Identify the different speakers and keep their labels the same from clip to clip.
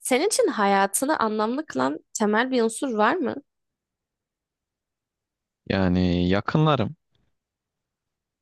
Speaker 1: Senin için hayatını anlamlı kılan temel bir unsur var mı?
Speaker 2: Yani yakınlarım.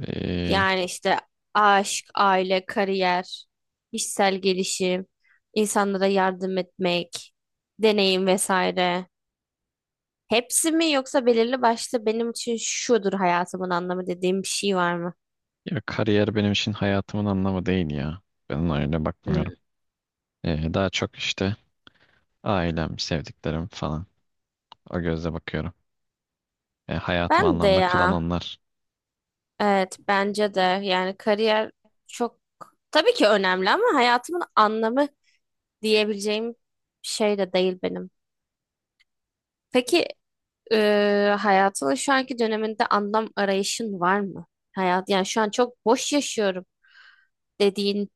Speaker 2: Ee,
Speaker 1: Yani işte aşk, aile, kariyer, kişisel gelişim, insanlara yardım etmek, deneyim vesaire. Hepsi mi yoksa belirli başlı benim için şudur hayatımın anlamı dediğim bir şey var mı?
Speaker 2: Ya kariyer benim için hayatımın anlamı değil ya. Ben ona öyle bakmıyorum.
Speaker 1: Hmm.
Speaker 2: Daha çok işte ailem, sevdiklerim falan. O gözle bakıyorum. Hayatım
Speaker 1: Ben de
Speaker 2: anlamda kılan
Speaker 1: ya.
Speaker 2: onlar.
Speaker 1: Evet bence de yani kariyer çok tabii ki önemli ama hayatımın anlamı diyebileceğim şey de değil benim. Peki, hayatının şu anki döneminde anlam arayışın var mı? Hayat, yani şu an çok boş yaşıyorum dediğin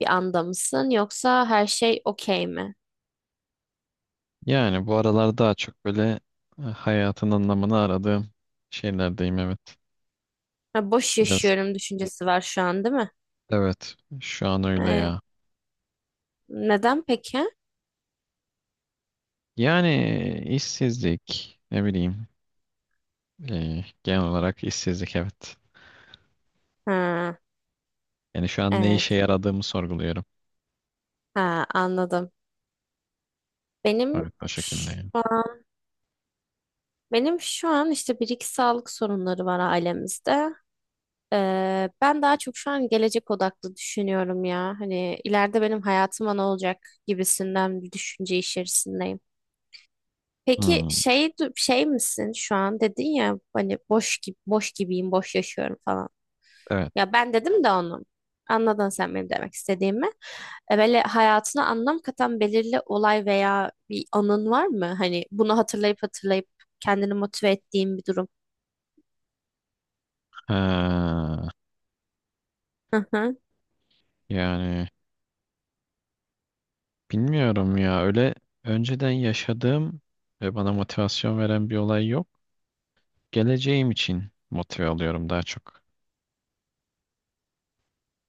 Speaker 1: bir anda mısın yoksa her şey okey mi?
Speaker 2: Yani bu aralar daha çok böyle hayatın anlamını aradığım şeylerdeyim, evet.
Speaker 1: Ha, boş
Speaker 2: Biraz,
Speaker 1: yaşıyorum düşüncesi var şu an değil mi?
Speaker 2: evet, şu an öyle
Speaker 1: Ee,
Speaker 2: ya.
Speaker 1: Neden peki?
Speaker 2: Yani işsizlik, ne bileyim, genel olarak işsizlik, evet.
Speaker 1: Ha,
Speaker 2: Yani şu an ne işe
Speaker 1: evet.
Speaker 2: yaradığımı sorguluyorum.
Speaker 1: Ha, anladım. Benim
Speaker 2: Evet, o şekilde
Speaker 1: şu
Speaker 2: yani.
Speaker 1: an, benim şu an işte bir iki sağlık sorunları var ailemizde. Ben daha çok şu an gelecek odaklı düşünüyorum ya. Hani ileride benim hayatıma ne olacak gibisinden bir düşünce içerisindeyim. Peki,
Speaker 2: Hmm,
Speaker 1: şey misin şu an dedin ya hani boş gibi boş gibiyim, boş yaşıyorum falan.
Speaker 2: evet.
Speaker 1: Ya ben dedim de onu. Anladın sen benim demek istediğimi. Böyle hayatına anlam katan belirli olay veya bir anın var mı? Hani bunu hatırlayıp hatırlayıp kendini motive ettiğin bir durum.
Speaker 2: Ha,
Speaker 1: Hı hı.
Speaker 2: yani bilmiyorum ya, öyle önceden yaşadığım ve bana motivasyon veren bir olay yok. Geleceğim için motive alıyorum daha çok.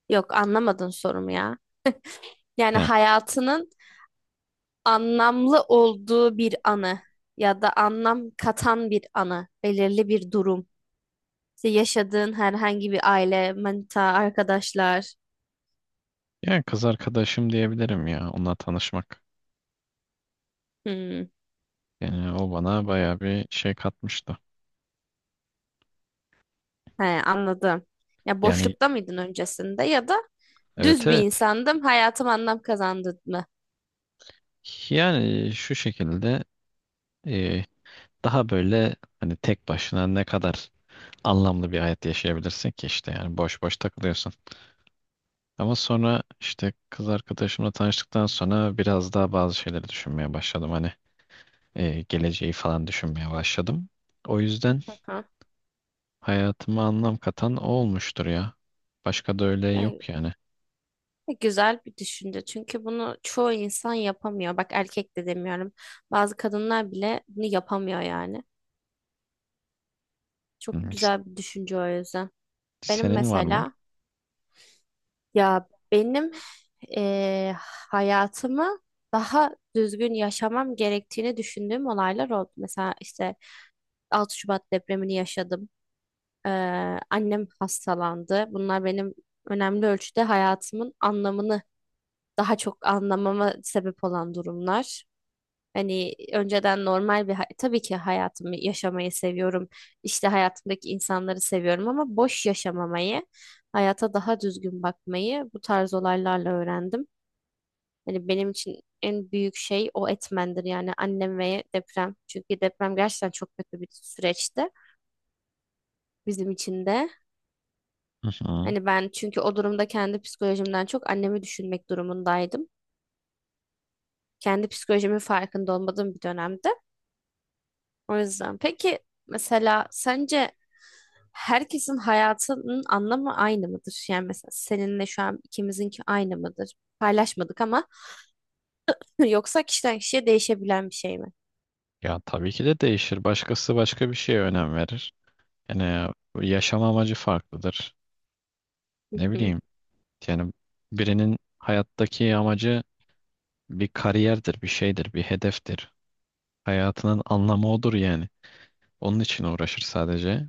Speaker 1: Yok anlamadın sorumu ya. Yani
Speaker 2: He.
Speaker 1: hayatının anlamlı olduğu bir anı ya da anlam katan bir anı, belirli bir durum. İşte yaşadığın herhangi bir aile, manita, arkadaşlar.
Speaker 2: Yani kız arkadaşım diyebilirim ya, onunla tanışmak.
Speaker 1: Hmm,
Speaker 2: Yani o bana bayağı bir şey katmıştı.
Speaker 1: he, anladım. Ya
Speaker 2: Yani,
Speaker 1: boşlukta mıydın öncesinde ya da
Speaker 2: evet,
Speaker 1: düz bir
Speaker 2: evet.
Speaker 1: insandım, hayatım anlam kazandı mı?
Speaker 2: Yani şu şekilde, e, daha böyle hani tek başına ne kadar anlamlı bir hayat yaşayabilirsin ki işte, yani boş boş takılıyorsun. Ama sonra işte kız arkadaşımla tanıştıktan sonra biraz daha bazı şeyleri düşünmeye başladım. Hani geleceği falan düşünmeye başladım. O yüzden
Speaker 1: Hı hı.
Speaker 2: hayatıma anlam katan o olmuştur ya. Başka da öyle
Speaker 1: Yani
Speaker 2: yok yani.
Speaker 1: güzel bir düşünce çünkü bunu çoğu insan yapamıyor. Bak erkek de demiyorum. Bazı kadınlar bile bunu yapamıyor yani. Çok
Speaker 2: Hı.
Speaker 1: güzel bir düşünce o yüzden. Benim
Speaker 2: Senin var mı?
Speaker 1: mesela Ya benim eee, hayatımı daha düzgün yaşamam gerektiğini düşündüğüm olaylar oldu. Mesela işte 6 Şubat depremini yaşadım. Annem hastalandı. Bunlar benim önemli ölçüde hayatımın anlamını daha çok anlamama sebep olan durumlar. Hani önceden normal bir tabii ki hayatımı yaşamayı seviyorum. İşte hayatımdaki insanları seviyorum ama boş yaşamamayı, hayata daha düzgün bakmayı bu tarz olaylarla öğrendim. Hani benim için en büyük şey o etmendir yani annem ve deprem. Çünkü deprem gerçekten çok kötü bir süreçti bizim için de.
Speaker 2: Hı hı.
Speaker 1: Hani ben çünkü o durumda kendi psikolojimden çok annemi düşünmek durumundaydım. Kendi psikolojimin farkında olmadığım bir dönemde. O yüzden peki mesela sence herkesin hayatının anlamı aynı mıdır? Yani mesela seninle şu an ikimizinki aynı mıdır? Paylaşmadık ama yoksa kişiden kişiye değişebilen bir şey mi?
Speaker 2: Ya tabii ki de değişir. Başkası başka bir şeye önem verir. Yani yaşam amacı farklıdır.
Speaker 1: Hı
Speaker 2: Ne
Speaker 1: hı.
Speaker 2: bileyim. Yani birinin hayattaki amacı bir kariyerdir, bir şeydir, bir hedeftir. Hayatının anlamı odur yani. Onun için uğraşır sadece.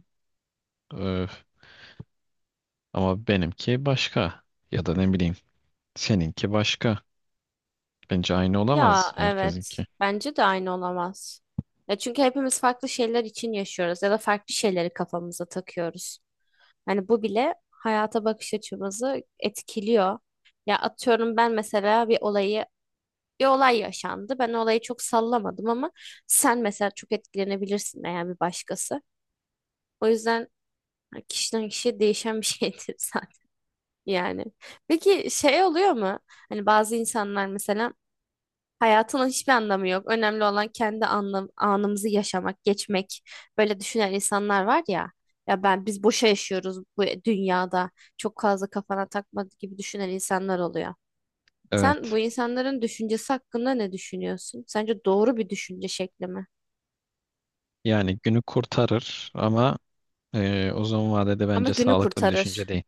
Speaker 2: Öf. Ama benimki başka. Ya da ne bileyim, seninki başka. Bence aynı olamaz
Speaker 1: Ya evet.
Speaker 2: herkesinki.
Speaker 1: Bence de aynı olamaz. Ya çünkü hepimiz farklı şeyler için yaşıyoruz ya da farklı şeyleri kafamıza takıyoruz. Hani bu bile hayata bakış açımızı etkiliyor. Ya atıyorum ben mesela bir olay yaşandı. Ben olayı çok sallamadım ama sen mesela çok etkilenebilirsin eğer bir başkası. O yüzden hani, kişiden kişiye değişen bir şeydir zaten yani. Peki şey oluyor mu? Hani bazı insanlar mesela hayatının hiçbir anlamı yok. Önemli olan kendi anlam anımızı yaşamak, geçmek. Böyle düşünen insanlar var ya. Ya ben biz boşa yaşıyoruz bu dünyada. Çok fazla kafana takma gibi düşünen insanlar oluyor. Sen
Speaker 2: Evet.
Speaker 1: bu insanların düşüncesi hakkında ne düşünüyorsun? Sence doğru bir düşünce şekli mi?
Speaker 2: Yani günü kurtarır ama uzun vadede
Speaker 1: Ama
Speaker 2: bence
Speaker 1: günü
Speaker 2: sağlıklı bir düşünce
Speaker 1: kurtarır.
Speaker 2: değil.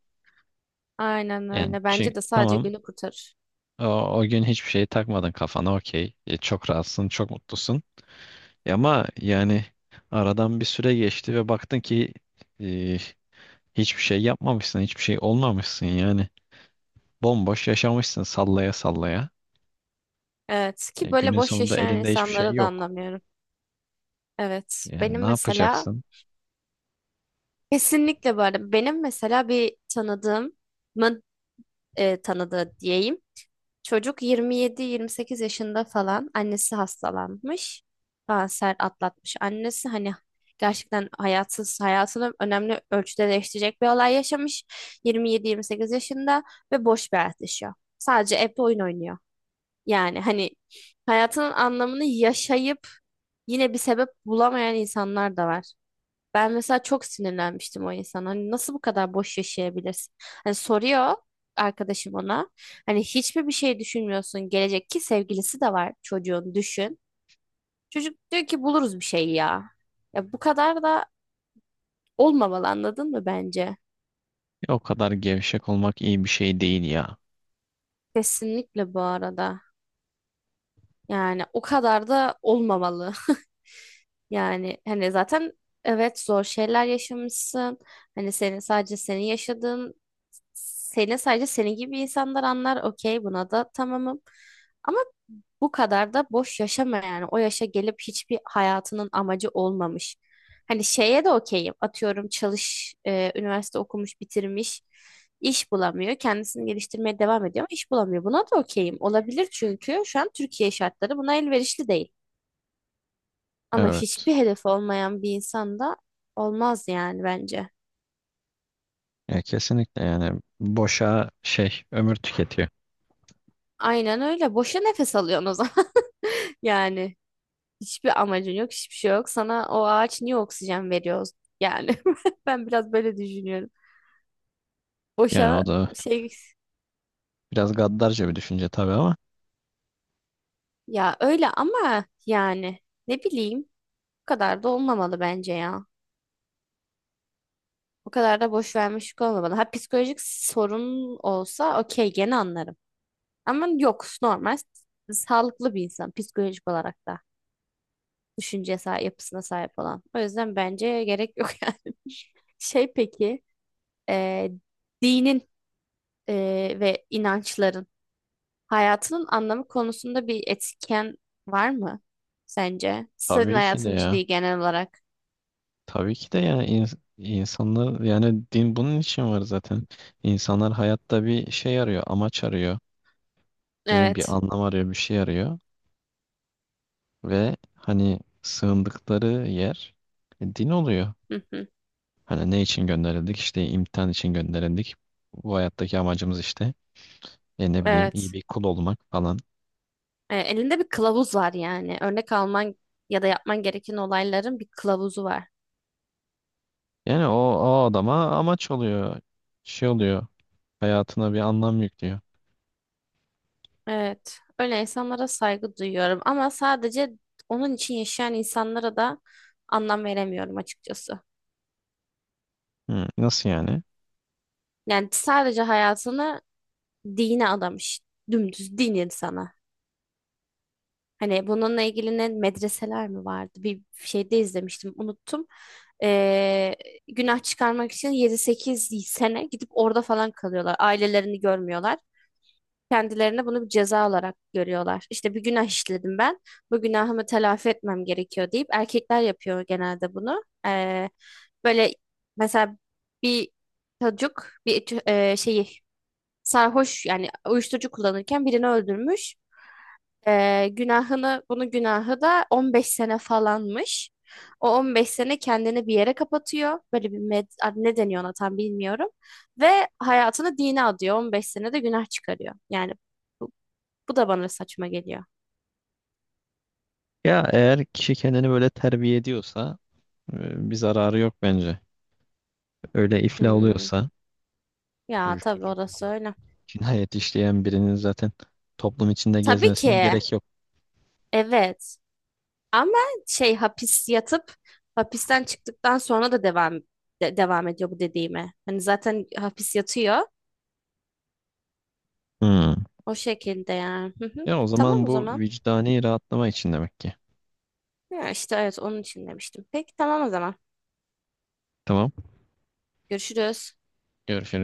Speaker 1: Aynen
Speaker 2: Yani
Speaker 1: öyle.
Speaker 2: çi-
Speaker 1: Bence de sadece
Speaker 2: tamam,
Speaker 1: günü kurtarır.
Speaker 2: o, o gün hiçbir şeyi takmadın kafana, okey. E, çok rahatsın, çok mutlusun. E ama yani aradan bir süre geçti ve baktın ki e, hiçbir şey yapmamışsın, hiçbir şey olmamışsın yani. Bomboş yaşamışsın, sallaya sallaya.
Speaker 1: Evet
Speaker 2: E,
Speaker 1: ki böyle
Speaker 2: günün
Speaker 1: boş
Speaker 2: sonunda
Speaker 1: yaşayan
Speaker 2: elinde hiçbir şey
Speaker 1: insanları da
Speaker 2: yok.
Speaker 1: anlamıyorum. Evet
Speaker 2: Yani
Speaker 1: benim
Speaker 2: ne
Speaker 1: mesela
Speaker 2: yapacaksın?
Speaker 1: kesinlikle bu arada benim mesela bir tanıdığımın tanıdığı diyeyim. Çocuk 27-28 yaşında falan annesi hastalanmış. Kanser atlatmış. Annesi hani gerçekten hayatsız hayatını önemli ölçüde değiştirecek bir olay yaşamış. 27-28 yaşında ve boş bir hayat yaşıyor. Sadece evde oyun oynuyor. Yani hani hayatının anlamını yaşayıp yine bir sebep bulamayan insanlar da var. Ben mesela çok sinirlenmiştim o insana. Hani nasıl bu kadar boş yaşayabilirsin? Hani soruyor arkadaşım ona. Hani hiçbir bir şey düşünmüyorsun. Gelecek ki sevgilisi de var çocuğun düşün. Çocuk diyor ki buluruz bir şey ya. Ya bu kadar da olmamalı anladın mı bence?
Speaker 2: E, o kadar gevşek olmak iyi bir şey değil ya.
Speaker 1: Kesinlikle bu arada. Yani o kadar da olmamalı. Yani hani zaten evet zor şeyler yaşamışsın. Hani senin sadece senin yaşadığın seni sadece senin gibi insanlar anlar. Okey buna da tamamım. Ama bu kadar da boş yaşama yani. O yaşa gelip hiçbir hayatının amacı olmamış. Hani şeye de okeyim. Atıyorum çalış, üniversite okumuş, bitirmiş, iş bulamıyor. Kendisini geliştirmeye devam ediyor ama iş bulamıyor. Buna da okeyim. Olabilir çünkü şu an Türkiye şartları buna elverişli değil. Ama
Speaker 2: Evet.
Speaker 1: hiçbir hedef olmayan bir insan da olmaz yani bence.
Speaker 2: Ya kesinlikle, yani boşa şey ömür tüketiyor.
Speaker 1: Aynen öyle. Boşa nefes alıyorsun o zaman. Yani hiçbir amacın yok, hiçbir şey yok. Sana o ağaç niye oksijen veriyor? Yani ben biraz böyle düşünüyorum.
Speaker 2: Yani
Speaker 1: Boşa
Speaker 2: o da
Speaker 1: şey
Speaker 2: biraz gaddarca bir düşünce tabii ama
Speaker 1: ya öyle ama yani ne bileyim o kadar da olmamalı bence ya. O kadar da boş vermişlik olmamalı. Ha psikolojik sorun olsa okey gene anlarım. Ama yok normal sağlıklı bir insan psikolojik olarak da. Düşünce yapısına sahip olan. O yüzden bence gerek yok yani. Şey peki, e, dinin ve inançların hayatının anlamı konusunda bir etken var mı sence? Senin
Speaker 2: tabii ki de
Speaker 1: hayatın için
Speaker 2: ya.
Speaker 1: değil genel olarak.
Speaker 2: Tabii ki de yani insanlar, yani din bunun için var zaten. İnsanlar hayatta bir şey arıyor, amaç arıyor. Ne bileyim, bir
Speaker 1: Evet.
Speaker 2: anlam arıyor, bir şey arıyor ve hani sığındıkları yer din oluyor.
Speaker 1: Hı hı.
Speaker 2: Hani ne için gönderildik? İşte imtihan için gönderildik. Bu hayattaki amacımız işte e ne bileyim iyi
Speaker 1: Evet.
Speaker 2: bir kul olmak falan.
Speaker 1: E, elinde bir kılavuz var yani. Örnek alman ya da yapman gereken olayların bir kılavuzu var.
Speaker 2: Yani o, o adama amaç oluyor. Şey oluyor. Hayatına bir anlam yüklüyor.
Speaker 1: Evet, öyle insanlara saygı duyuyorum ama sadece onun için yaşayan insanlara da anlam veremiyorum açıkçası.
Speaker 2: Hı, nasıl yani?
Speaker 1: Yani sadece hayatını dine adamış, dümdüz din insanı. Hani bununla ilgili ne medreseler mi vardı? Bir şeyde izlemiştim, unuttum. Ee, Günah çıkarmak için 7-8 sene gidip orada falan kalıyorlar. Ailelerini görmüyorlar. Kendilerine bunu bir ceza olarak görüyorlar. İşte bir günah işledim ben. Bu günahımı telafi etmem gerekiyor deyip erkekler yapıyor genelde bunu. Böyle mesela bir çocuk şeyi sarhoş yani uyuşturucu kullanırken birini öldürmüş. Bunun günahı da 15 sene falanmış. O 15 sene kendini bir yere kapatıyor. Böyle bir ne deniyor ona tam bilmiyorum. Ve hayatını dine adıyor. 15 sene de günah çıkarıyor. Yani bu da bana saçma geliyor.
Speaker 2: Ya eğer kişi kendini böyle terbiye ediyorsa bir zararı yok bence. Öyle iflah
Speaker 1: Hmm.
Speaker 2: oluyorsa
Speaker 1: Ya tabii
Speaker 2: uyuşturucu
Speaker 1: orası
Speaker 2: kullanıp
Speaker 1: öyle.
Speaker 2: cinayet işleyen birinin zaten toplum içinde
Speaker 1: Tabii
Speaker 2: gezmesine
Speaker 1: ki.
Speaker 2: gerek yok.
Speaker 1: Evet. Ama şey hapis yatıp hapisten çıktıktan sonra da devam ediyor bu dediğime. Hani zaten hapis yatıyor.
Speaker 2: Hmm.
Speaker 1: O şekilde yani. Hı hı.
Speaker 2: Ya o
Speaker 1: Tamam
Speaker 2: zaman
Speaker 1: o
Speaker 2: bu
Speaker 1: zaman.
Speaker 2: vicdani rahatlama için demek ki.
Speaker 1: Ya işte evet onun için demiştim. Peki tamam o zaman.
Speaker 2: Tamam.
Speaker 1: Görüşürüz.
Speaker 2: Görüşürüz.